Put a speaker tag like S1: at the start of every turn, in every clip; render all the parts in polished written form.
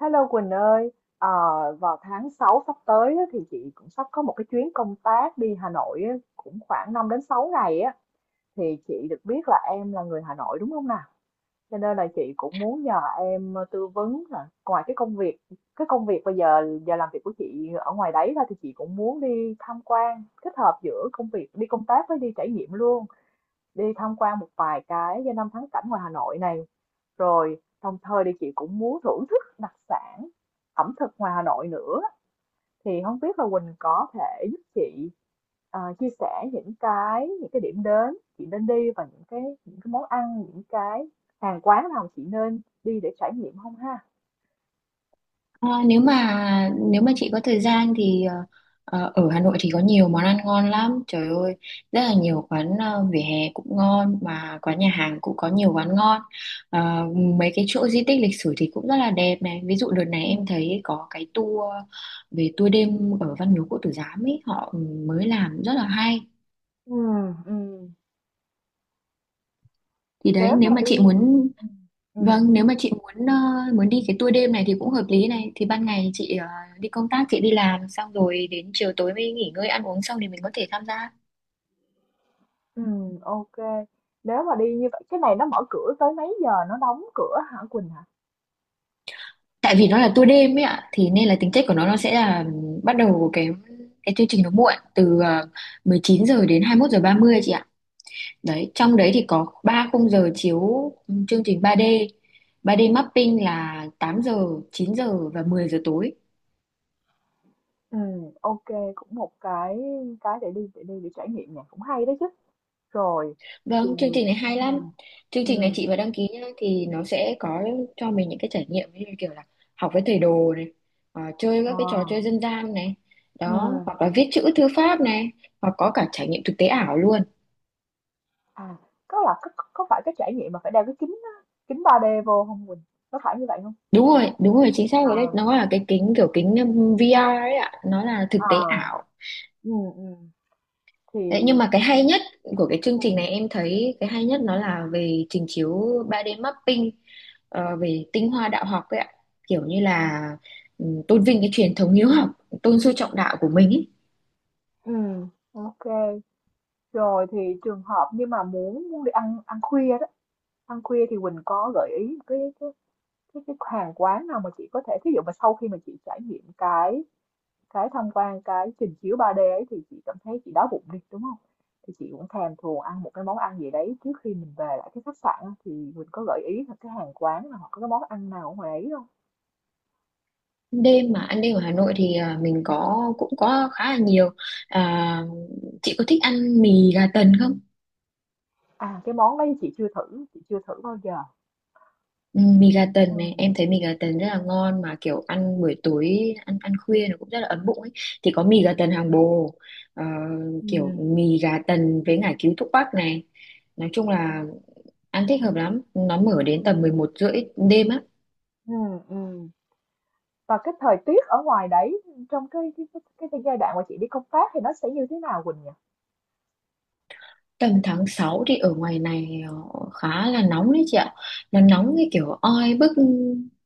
S1: Hello Quỳnh ơi, ờ, vào tháng 6 sắp tới á, thì chị cũng sắp có một cái chuyến công tác đi Hà Nội á, cũng khoảng 5 đến 6 ngày á, thì chị được biết là em là người Hà Nội đúng không nào? Cho nên là chị cũng muốn nhờ em tư vấn là ngoài cái công việc bây giờ giờ làm việc của chị ở ngoài đấy ra thì chị cũng muốn đi tham quan kết hợp giữa công việc đi công tác với đi trải nghiệm luôn, đi tham quan một vài cái danh lam thắng cảnh ngoài Hà Nội này, rồi đồng thời thì chị cũng muốn thưởng thức đặc sản ẩm thực ngoài Hà Nội nữa. Thì không biết là Quỳnh có thể giúp chị chia sẻ những cái điểm đến chị nên đi và những cái món ăn, những cái hàng quán nào chị nên đi để trải nghiệm không ha?
S2: Ờ, nếu mà chị có thời gian thì ở Hà Nội thì có nhiều món ăn ngon lắm, trời ơi, rất là nhiều quán vỉa hè cũng ngon, mà quán nhà hàng cũng có nhiều quán ngon. Ờ, Mấy cái chỗ di tích lịch sử thì cũng rất là đẹp này, ví dụ đợt này
S1: Ừ.
S2: em thấy có cái tour đêm ở Văn Miếu Quốc Tử Giám ấy, họ mới làm rất là hay.
S1: Ừ, ừ.
S2: Thì đấy,
S1: Nếu mà
S2: nếu mà
S1: đi,
S2: chị muốn.
S1: ừ, ừ,
S2: Vâng, nếu mà chị muốn muốn đi cái tour đêm này thì cũng hợp lý này. Thì ban ngày chị đi công tác, chị đi làm xong rồi đến chiều tối mới nghỉ ngơi ăn uống xong thì mình có thể tham gia.
S1: ừ, ok. Nếu mà đi như vậy cái này nó mở cửa tới mấy giờ, nó đóng cửa hả Quỳnh hả?
S2: Tại vì nó là tour đêm ấy ạ, thì nên là tính chất của nó sẽ là bắt đầu cái chương trình nó muộn từ 19 giờ đến 21 giờ 30 chị ạ. Đấy, trong đấy thì có 3 khung giờ chiếu chương trình 3D. 3D mapping là 8 giờ, 9 giờ và 10 giờ tối.
S1: Ừ, ok, cũng một cái để đi để trải nghiệm nhỉ, cũng hay đấy chứ. Rồi, thì
S2: Vâng, chương trình này hay
S1: ừm,
S2: lắm. Chương trình này
S1: ừm,
S2: chị mà đăng ký nhá thì nó sẽ có cho mình những cái trải nghiệm như kiểu là học với thầy đồ này, chơi
S1: ờ,
S2: các cái trò chơi dân gian này, đó,
S1: ừm,
S2: hoặc là viết chữ thư pháp này, hoặc có cả trải nghiệm thực tế ảo luôn.
S1: à, có là có phải cái trải nghiệm mà phải đeo cái kính á, kính 3D vô không Quỳnh? Có phải như vậy không?
S2: Đúng rồi, chính xác rồi đấy.
S1: À,
S2: Nó là cái kính kiểu kính VR ấy ạ, nó là thực tế
S1: à,
S2: ảo.
S1: ừm, ừm, thì
S2: Đấy, nhưng mà cái hay nhất của cái chương trình này
S1: ừm,
S2: em thấy cái hay nhất nó là về trình chiếu 3D mapping, về tinh hoa đạo học ấy ạ, kiểu như là tôn vinh cái truyền thống hiếu học, tôn sư trọng đạo của mình ấy.
S1: ok. Rồi thì trường hợp nhưng mà muốn muốn đi ăn ăn khuya đó, ăn khuya thì Quỳnh có gợi ý cái hàng quán nào mà chị có thể, ví dụ mà sau khi mà chị trải nghiệm cái tham quan cái trình chiếu 3D ấy thì chị cảm thấy chị đói bụng đi, đúng không? Thì chị cũng thèm thuồng ăn một cái món ăn gì đấy trước khi mình về lại cái khách sạn á, thì mình có gợi ý là cái hàng quán nào hoặc có cái món ăn nào ở ngoài ấy không?
S2: Đêm mà ăn đêm ở Hà Nội thì mình có cũng có khá là nhiều. À, chị có thích ăn mì gà tần không?
S1: À, cái món đấy chị chưa thử bao giờ.
S2: Ừ, mì gà tần này
S1: Ừm.
S2: em thấy mì gà tần rất là ngon, mà kiểu ăn buổi tối, ăn ăn khuya nó cũng rất là ấm bụng ấy. Thì có mì gà tần Hàng Bồ, ờ, kiểu
S1: Ừm.
S2: mì gà tần với ngải cứu thuốc bắc này, nói chung là ăn thích hợp lắm, nó mở đến tầm mười
S1: Ừm.
S2: một rưỡi đêm á.
S1: Ừm, ừm. Và cái thời tiết ở ngoài đấy, trong cái giai đoạn mà chị đi công tác thì nó sẽ như thế nào Quỳnh nhỉ?
S2: Tầm tháng 6 thì ở ngoài này khá là nóng đấy chị ạ. Nó nóng
S1: Ừm,
S2: cái kiểu oi bức,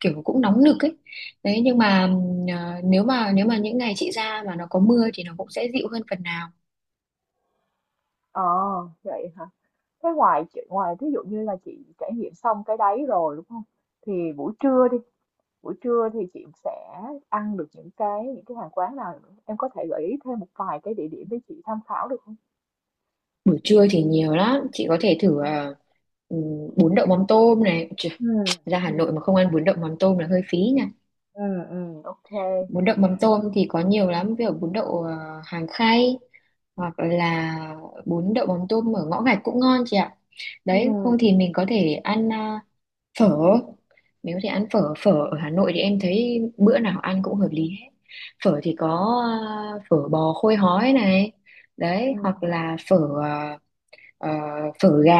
S2: kiểu cũng nóng nực ấy. Đấy, nhưng mà
S1: ừm.
S2: nếu mà những ngày chị ra mà nó có mưa thì nó cũng sẽ dịu hơn phần nào.
S1: Ờ, vậy hả? Thế ngoài chị ngoài, ví dụ như là chị trải nghiệm xong cái đấy rồi đúng không? Thì buổi trưa đi, buổi trưa thì chị sẽ ăn được những cái hàng quán nào nữa? Em có thể gợi ý thêm một vài cái địa điểm để chị tham khảo được không?
S2: Buổi trưa thì nhiều lắm, chị có thể thử ừm, bún đậu mắm tôm này. Trời,
S1: Ừ,
S2: ra Hà
S1: ừ,
S2: Nội mà không ăn bún đậu mắm tôm là hơi phí nhỉ.
S1: ừ, ừ ok.
S2: Bún đậu mắm tôm thì có nhiều lắm, ví dụ bún đậu Hàng Khay, hoặc là bún đậu mắm tôm ở ngõ gạch cũng ngon chị ạ.
S1: Ừ,
S2: Đấy, không thì mình có thể ăn phở. Mình có thể ăn phở, phở ở Hà Nội thì em thấy bữa nào ăn cũng hợp lý hết. Phở thì có phở bò khôi hói này, đấy,
S1: ừ.
S2: hoặc là à, ờ, phở gà,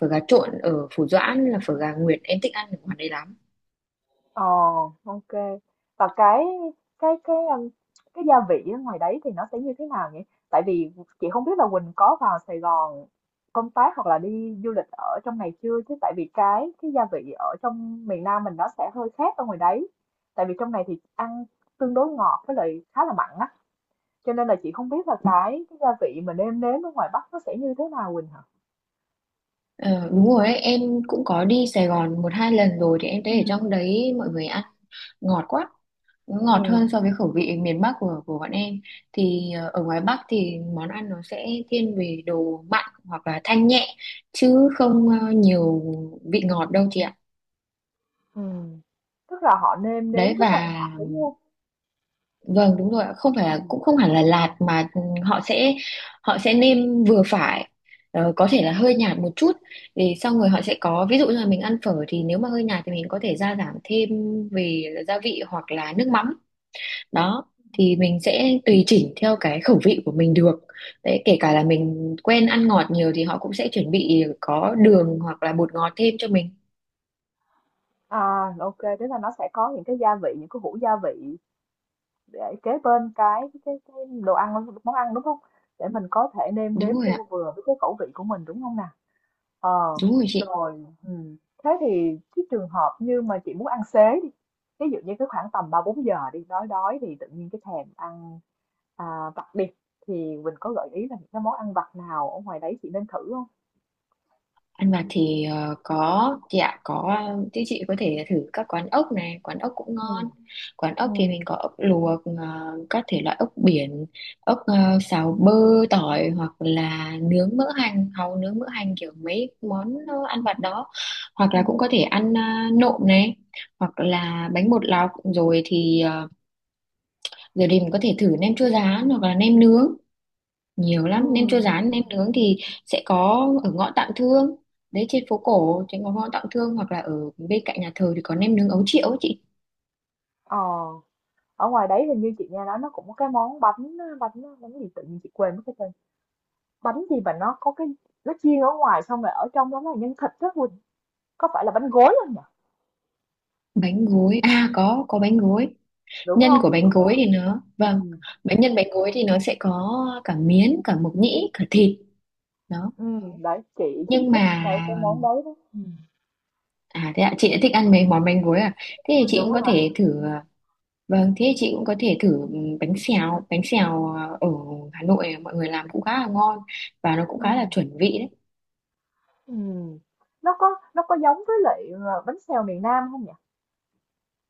S2: phở gà trộn ở Phủ Doãn là phở gà Nguyệt, em thích ăn ở ngoài đấy lắm.
S1: Ờ, ok. Và cái cái gia vị ở ngoài đấy thì nó sẽ như thế nào nhỉ? Tại vì chị không biết là Quỳnh có vào Sài Gòn công tác hoặc là đi du lịch ở trong này chưa, chứ tại vì cái gia vị ở trong miền Nam mình nó sẽ hơi khác ở ngoài đấy. Tại vì trong này thì ăn tương đối ngọt với lại khá là mặn á. Cho nên là chị không biết là cái gia vị mà nêm nếm ở ngoài Bắc nó sẽ như thế nào Quỳnh hả?
S2: Ờ, Đúng rồi ấy. Em cũng có đi Sài Gòn một hai lần rồi, thì em
S1: Ừ.
S2: thấy ở trong đấy mọi người ăn ngọt quá, nó
S1: Ừ.
S2: ngọt hơn so với khẩu vị miền Bắc của bọn em. Thì ở ngoài Bắc thì món ăn nó sẽ thiên về đồ mặn hoặc là thanh nhẹ, chứ không nhiều vị ngọt đâu chị ạ.
S1: Ừ. Tức là họ nêm nếm
S2: Đấy
S1: rất là
S2: và
S1: lạ đúng không?
S2: vâng đúng rồi ạ, không phải
S1: Ừ.
S2: là, cũng không hẳn là lạt, mà họ sẽ họ sẽ nêm vừa phải, có thể là hơi nhạt một chút. Thì xong rồi họ sẽ có, ví dụ như là mình ăn phở thì nếu mà hơi nhạt thì mình có thể gia giảm thêm về gia vị hoặc là nước mắm đó, thì mình sẽ tùy chỉnh theo cái khẩu vị của mình được. Đấy, kể cả là mình quen ăn ngọt nhiều thì họ cũng sẽ chuẩn bị có đường hoặc là bột ngọt thêm cho mình.
S1: À, ok, tức là nó sẽ có những cái gia vị, những cái hũ gia vị để kế bên cái đồ ăn, món ăn đúng không? Để mình có thể nêm
S2: Đúng
S1: nếm
S2: rồi
S1: cho
S2: ạ,
S1: vừa với cái khẩu vị của mình đúng không nào? Ờ,
S2: đúng rồi chị.
S1: rồi, ừ. Thế thì cái trường hợp như mà chị muốn ăn xế đi, ví dụ như cái khoảng tầm ba bốn giờ đi, đói đói thì tự nhiên cái thèm ăn vặt đi, thì mình có gợi ý là những cái món ăn vặt nào ở ngoài đấy chị nên thử không?
S2: Ăn vặt thì có chị ạ, có, chứ chị có thể thử các quán ốc này, quán ốc cũng
S1: Ừ.
S2: ngon. Quán
S1: Ừ.
S2: ốc thì mình có ốc luộc, các thể loại ốc biển, ốc xào bơ tỏi hoặc là nướng mỡ hành, hàu nướng mỡ hành, kiểu mấy món ăn vặt đó. Hoặc
S1: Ừ.
S2: là cũng có thể ăn nộm này, hoặc là bánh bột lọc rồi
S1: Ừ.
S2: thì giờ thì mình có thể thử nem chua rán hoặc là nem nướng. Nhiều
S1: Ừ.
S2: lắm, nem chua
S1: Ừ.
S2: rán, nem nướng thì sẽ có ở ngõ Tạm Thương, đấy, trên phố cổ, trên ngõ ngõ Tạm Thương, hoặc là ở bên cạnh nhà thờ thì có nem nướng ấu triệu ấy chị.
S1: Ờ. Ở ngoài đấy hình như chị nghe nói nó cũng có cái món bánh bánh bánh gì, tự nhiên chị quên mất cái tên. Bánh gì mà nó có cái, nó chiên ở ngoài xong rồi ở trong đó là nhân thịt đó Quỳnh. Có phải là bánh gối không nhỉ?
S2: Bánh gối à? Có bánh gối.
S1: Đúng
S2: Nhân
S1: không?
S2: của bánh
S1: Đúng
S2: gối
S1: không?
S2: thì nó, vâng,
S1: Ừ.
S2: nhân bánh gối thì nó sẽ có cả miến, cả mộc nhĩ, cả thịt đó.
S1: Ừ, đấy chị
S2: Nhưng
S1: thích cái
S2: mà
S1: cái món đấy đó. Ừ.
S2: à, thế ạ, chị đã thích ăn mấy món bánh gối à? Thế thì chị
S1: Đúng
S2: cũng có
S1: rồi.
S2: thể thử vâng, thế thì chị cũng có thể thử bánh xèo, bánh xèo à, ở Hà Nội mọi người làm cũng khá là ngon, và nó cũng
S1: Ừ.
S2: khá là chuẩn vị đấy.
S1: Ừ. Nó có, nó có giống với lại bánh xèo miền Nam không nhỉ?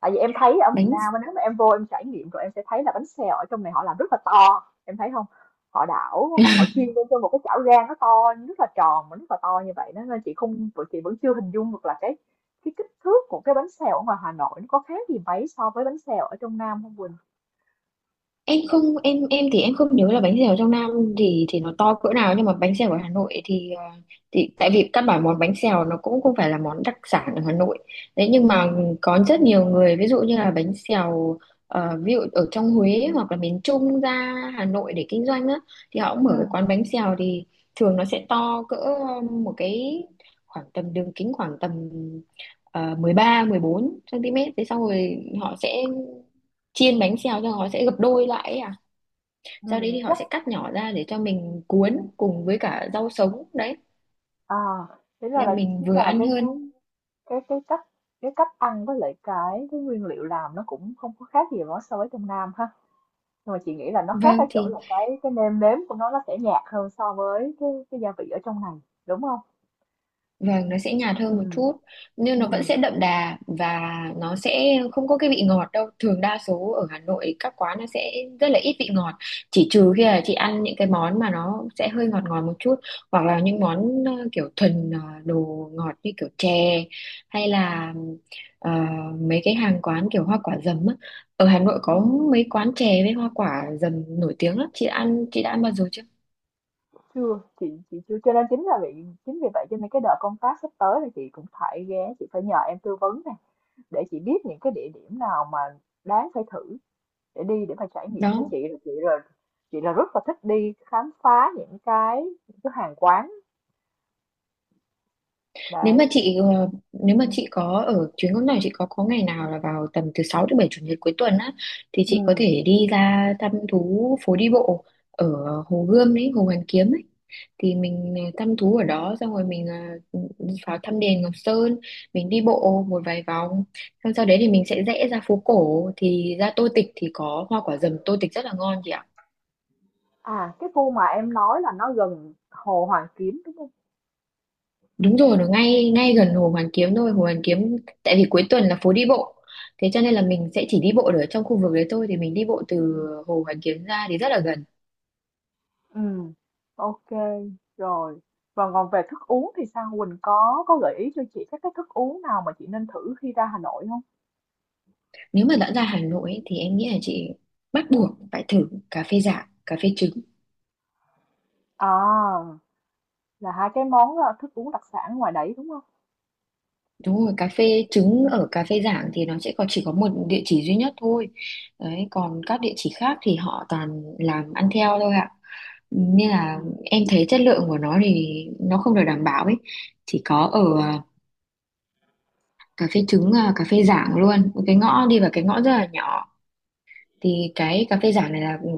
S1: Tại vì em thấy ở miền
S2: bánh
S1: Nam á, nếu mà em vô em trải nghiệm rồi em sẽ thấy là bánh xèo ở trong này họ làm rất là to em thấy không, họ đảo họ họ chiên lên trên một cái chảo rang nó to, rất là tròn mà rất là to như vậy đó, nên chị không chị vẫn chưa hình dung được là cái kích thước của cái bánh xèo ở ngoài Hà Nội nó có khác gì mấy so với bánh xèo ở trong Nam không Quỳnh.
S2: em không, em thì em không nhớ là bánh xèo trong Nam thì nó to cỡ nào, nhưng mà bánh xèo ở Hà Nội thì tại vì căn bản món bánh xèo nó cũng không phải là món đặc sản ở Hà Nội đấy, nhưng mà có rất nhiều người, ví dụ như là bánh xèo, ví dụ ở trong Huế hoặc là miền Trung ra Hà Nội để kinh doanh á, thì họ cũng mở cái quán
S1: Ừ.
S2: bánh xèo thì thường nó sẽ to cỡ một cái, khoảng tầm đường kính khoảng tầm 13 14 cm. Thế sau rồi họ sẽ chiên bánh xèo cho, họ sẽ gập đôi lại ấy à, sau đấy thì
S1: Ừ,
S2: họ
S1: chắc
S2: sẽ cắt nhỏ ra để cho mình cuốn cùng với cả rau sống đấy,
S1: à thế ra
S2: nên
S1: là
S2: mình
S1: chính
S2: vừa
S1: là
S2: ăn
S1: cái cái
S2: hơn.
S1: cái cái cách, cách ăn với lại cái nguyên liệu làm nó cũng không có khác gì nó so với trong Nam ha. Nhưng mà chị nghĩ là nó khác ở
S2: Vâng,
S1: chỗ
S2: thì
S1: là cái nêm nếm của nó sẽ nhạt hơn so với cái gia vị ở trong này, đúng không?
S2: vâng, nó sẽ nhạt
S1: Ừ.
S2: hơn một chút, nhưng nó vẫn
S1: Ừ.
S2: sẽ đậm đà và nó sẽ không có cái vị ngọt đâu. Thường đa số ở Hà Nội các quán nó sẽ rất là ít vị ngọt. Chỉ trừ khi là chị ăn những cái món mà nó sẽ hơi ngọt ngọt một chút, hoặc là những món kiểu thuần đồ ngọt như kiểu chè, hay là ờ, mấy cái hàng quán kiểu hoa quả dầm á. Ở Hà Nội có
S1: Ừ.
S2: mấy quán chè với hoa quả dầm nổi tiếng lắm. Chị đã ăn bao giờ chưa?
S1: Chưa, chị chưa, cho nên chính là vì, chính vì vậy cho nên cái đợt công tác sắp tới thì chị cũng phải ghé, chị phải nhờ em tư vấn nè, để chị biết những cái địa điểm nào mà đáng phải thử để đi để mà trải nghiệm với
S2: Đó.
S1: chị là chị rồi, chị là rất là thích đi khám phá những cái hàng quán
S2: nếu
S1: đấy.
S2: mà chị ờ, nếu mà chị có, ở chuyến công tác của chị có ngày nào là vào tầm từ 6 đến 7 chủ nhật cuối tuần á, thì
S1: Ừ.
S2: chị có thể đi ra thăm thú phố đi bộ ở Hồ Gươm ấy, Hồ Hoàn Kiếm ấy. Thì mình thăm thú ở đó xong rồi mình vào thăm đền Ngọc Sơn, mình đi bộ một vài vòng xong. Sau đấy thì mình sẽ rẽ ra phố cổ thì ra Tô Tịch, thì có hoa quả dầm Tô Tịch rất là ngon chị ạ.
S1: À cái khu mà em nói là nó gần Hồ Hoàn Kiếm đúng không?
S2: Đúng rồi, nó ngay ngay gần Hồ Hoàn Kiếm thôi. Hồ Hoàn Kiếm, tại vì cuối tuần là phố đi bộ, thế cho nên là mình sẽ chỉ đi bộ được ở trong khu vực đấy thôi. Thì mình đi bộ
S1: Ừ.
S2: từ Hồ Hoàn Kiếm ra thì rất là gần.
S1: Ừ, ok, rồi. Và còn về thức uống thì sao? Quỳnh có gợi ý cho chị các cái thức uống nào mà chị nên thử khi ra Hà Nội không?
S2: Nếu mà đã ra Hà Nội ấy, thì em nghĩ là chị bắt buộc phải thử cà phê Giảng, cà phê trứng.
S1: À, là hai cái món thức uống đặc sản ngoài đấy đúng không?
S2: Đúng rồi, cà phê trứng ở cà phê Giảng thì nó sẽ có chỉ có một địa chỉ duy nhất thôi. Đấy, còn các địa chỉ khác thì họ toàn làm ăn theo thôi ạ. Nên
S1: Ừ.
S2: là em thấy chất lượng của nó thì nó không được đảm bảo ấy. Chỉ có ở cà phê trứng, cà phê Giảng, luôn một cái ngõ đi vào cái ngõ rất là nhỏ. Thì cái cà phê Giảng này là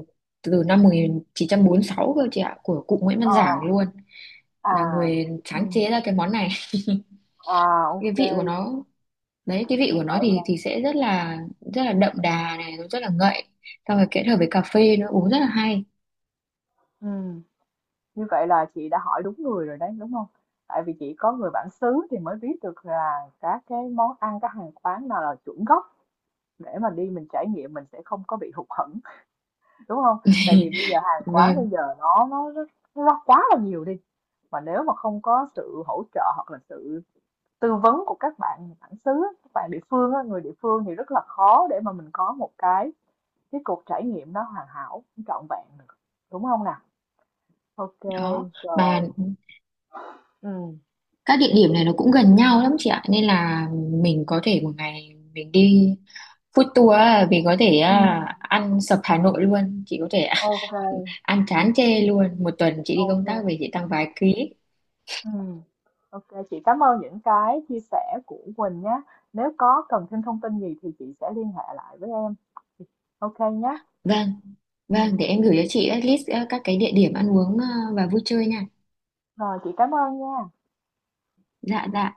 S2: từ năm 1946 cơ chị ạ, của cụ Nguyễn
S1: Ờ,
S2: Văn Giảng luôn
S1: à,
S2: là người sáng
S1: ừ.
S2: chế ra cái món này.
S1: À,
S2: Cái
S1: ok.
S2: vị của nó, đấy, cái vị
S1: Như
S2: của nó
S1: vậy là
S2: thì sẽ rất là đậm đà này, nó rất là ngậy, xong rồi kết hợp với cà phê nữa uống rất là hay.
S1: ừ. Như vậy là chị đã hỏi đúng người rồi đấy, đúng không? Tại vì chị có người bản xứ thì mới biết được là các cái món ăn, các hàng quán nào là chuẩn gốc để mà đi mình trải nghiệm mình sẽ không có bị hụt hẫng, đúng không, tại vì bây giờ hàng quán bây
S2: Vâng,
S1: giờ nó nó quá là nhiều đi, mà nếu mà không có sự hỗ trợ hoặc là sự tư vấn của các bạn bản xứ, các bạn địa phương á, người địa phương thì rất là khó để mà mình có một cái cuộc trải nghiệm nó hoàn hảo trọn vẹn được, đúng không nào, ok,
S2: đó, mà
S1: rồi, ừ,
S2: các địa điểm này nó cũng gần nhau lắm chị ạ, nên là mình có thể một ngày mình đi Food tour á, vì có thể
S1: ừ,
S2: ăn sập Hà Nội luôn, chị có thể
S1: ok, ừ,
S2: ăn chán chê luôn. Một tuần chị đi công tác
S1: ok,
S2: về chị tăng vài ký.
S1: ừ, ok, chị cảm ơn những cái chia sẻ của Quỳnh nhé, nếu có cần thêm thông tin gì thì chị sẽ liên hệ lại với em, ok nhé,
S2: Vâng, vâng, để
S1: ừ,
S2: em gửi cho chị list các cái địa điểm ăn uống và vui chơi nha.
S1: rồi, chị cảm ơn nha.
S2: Dạ, dạ.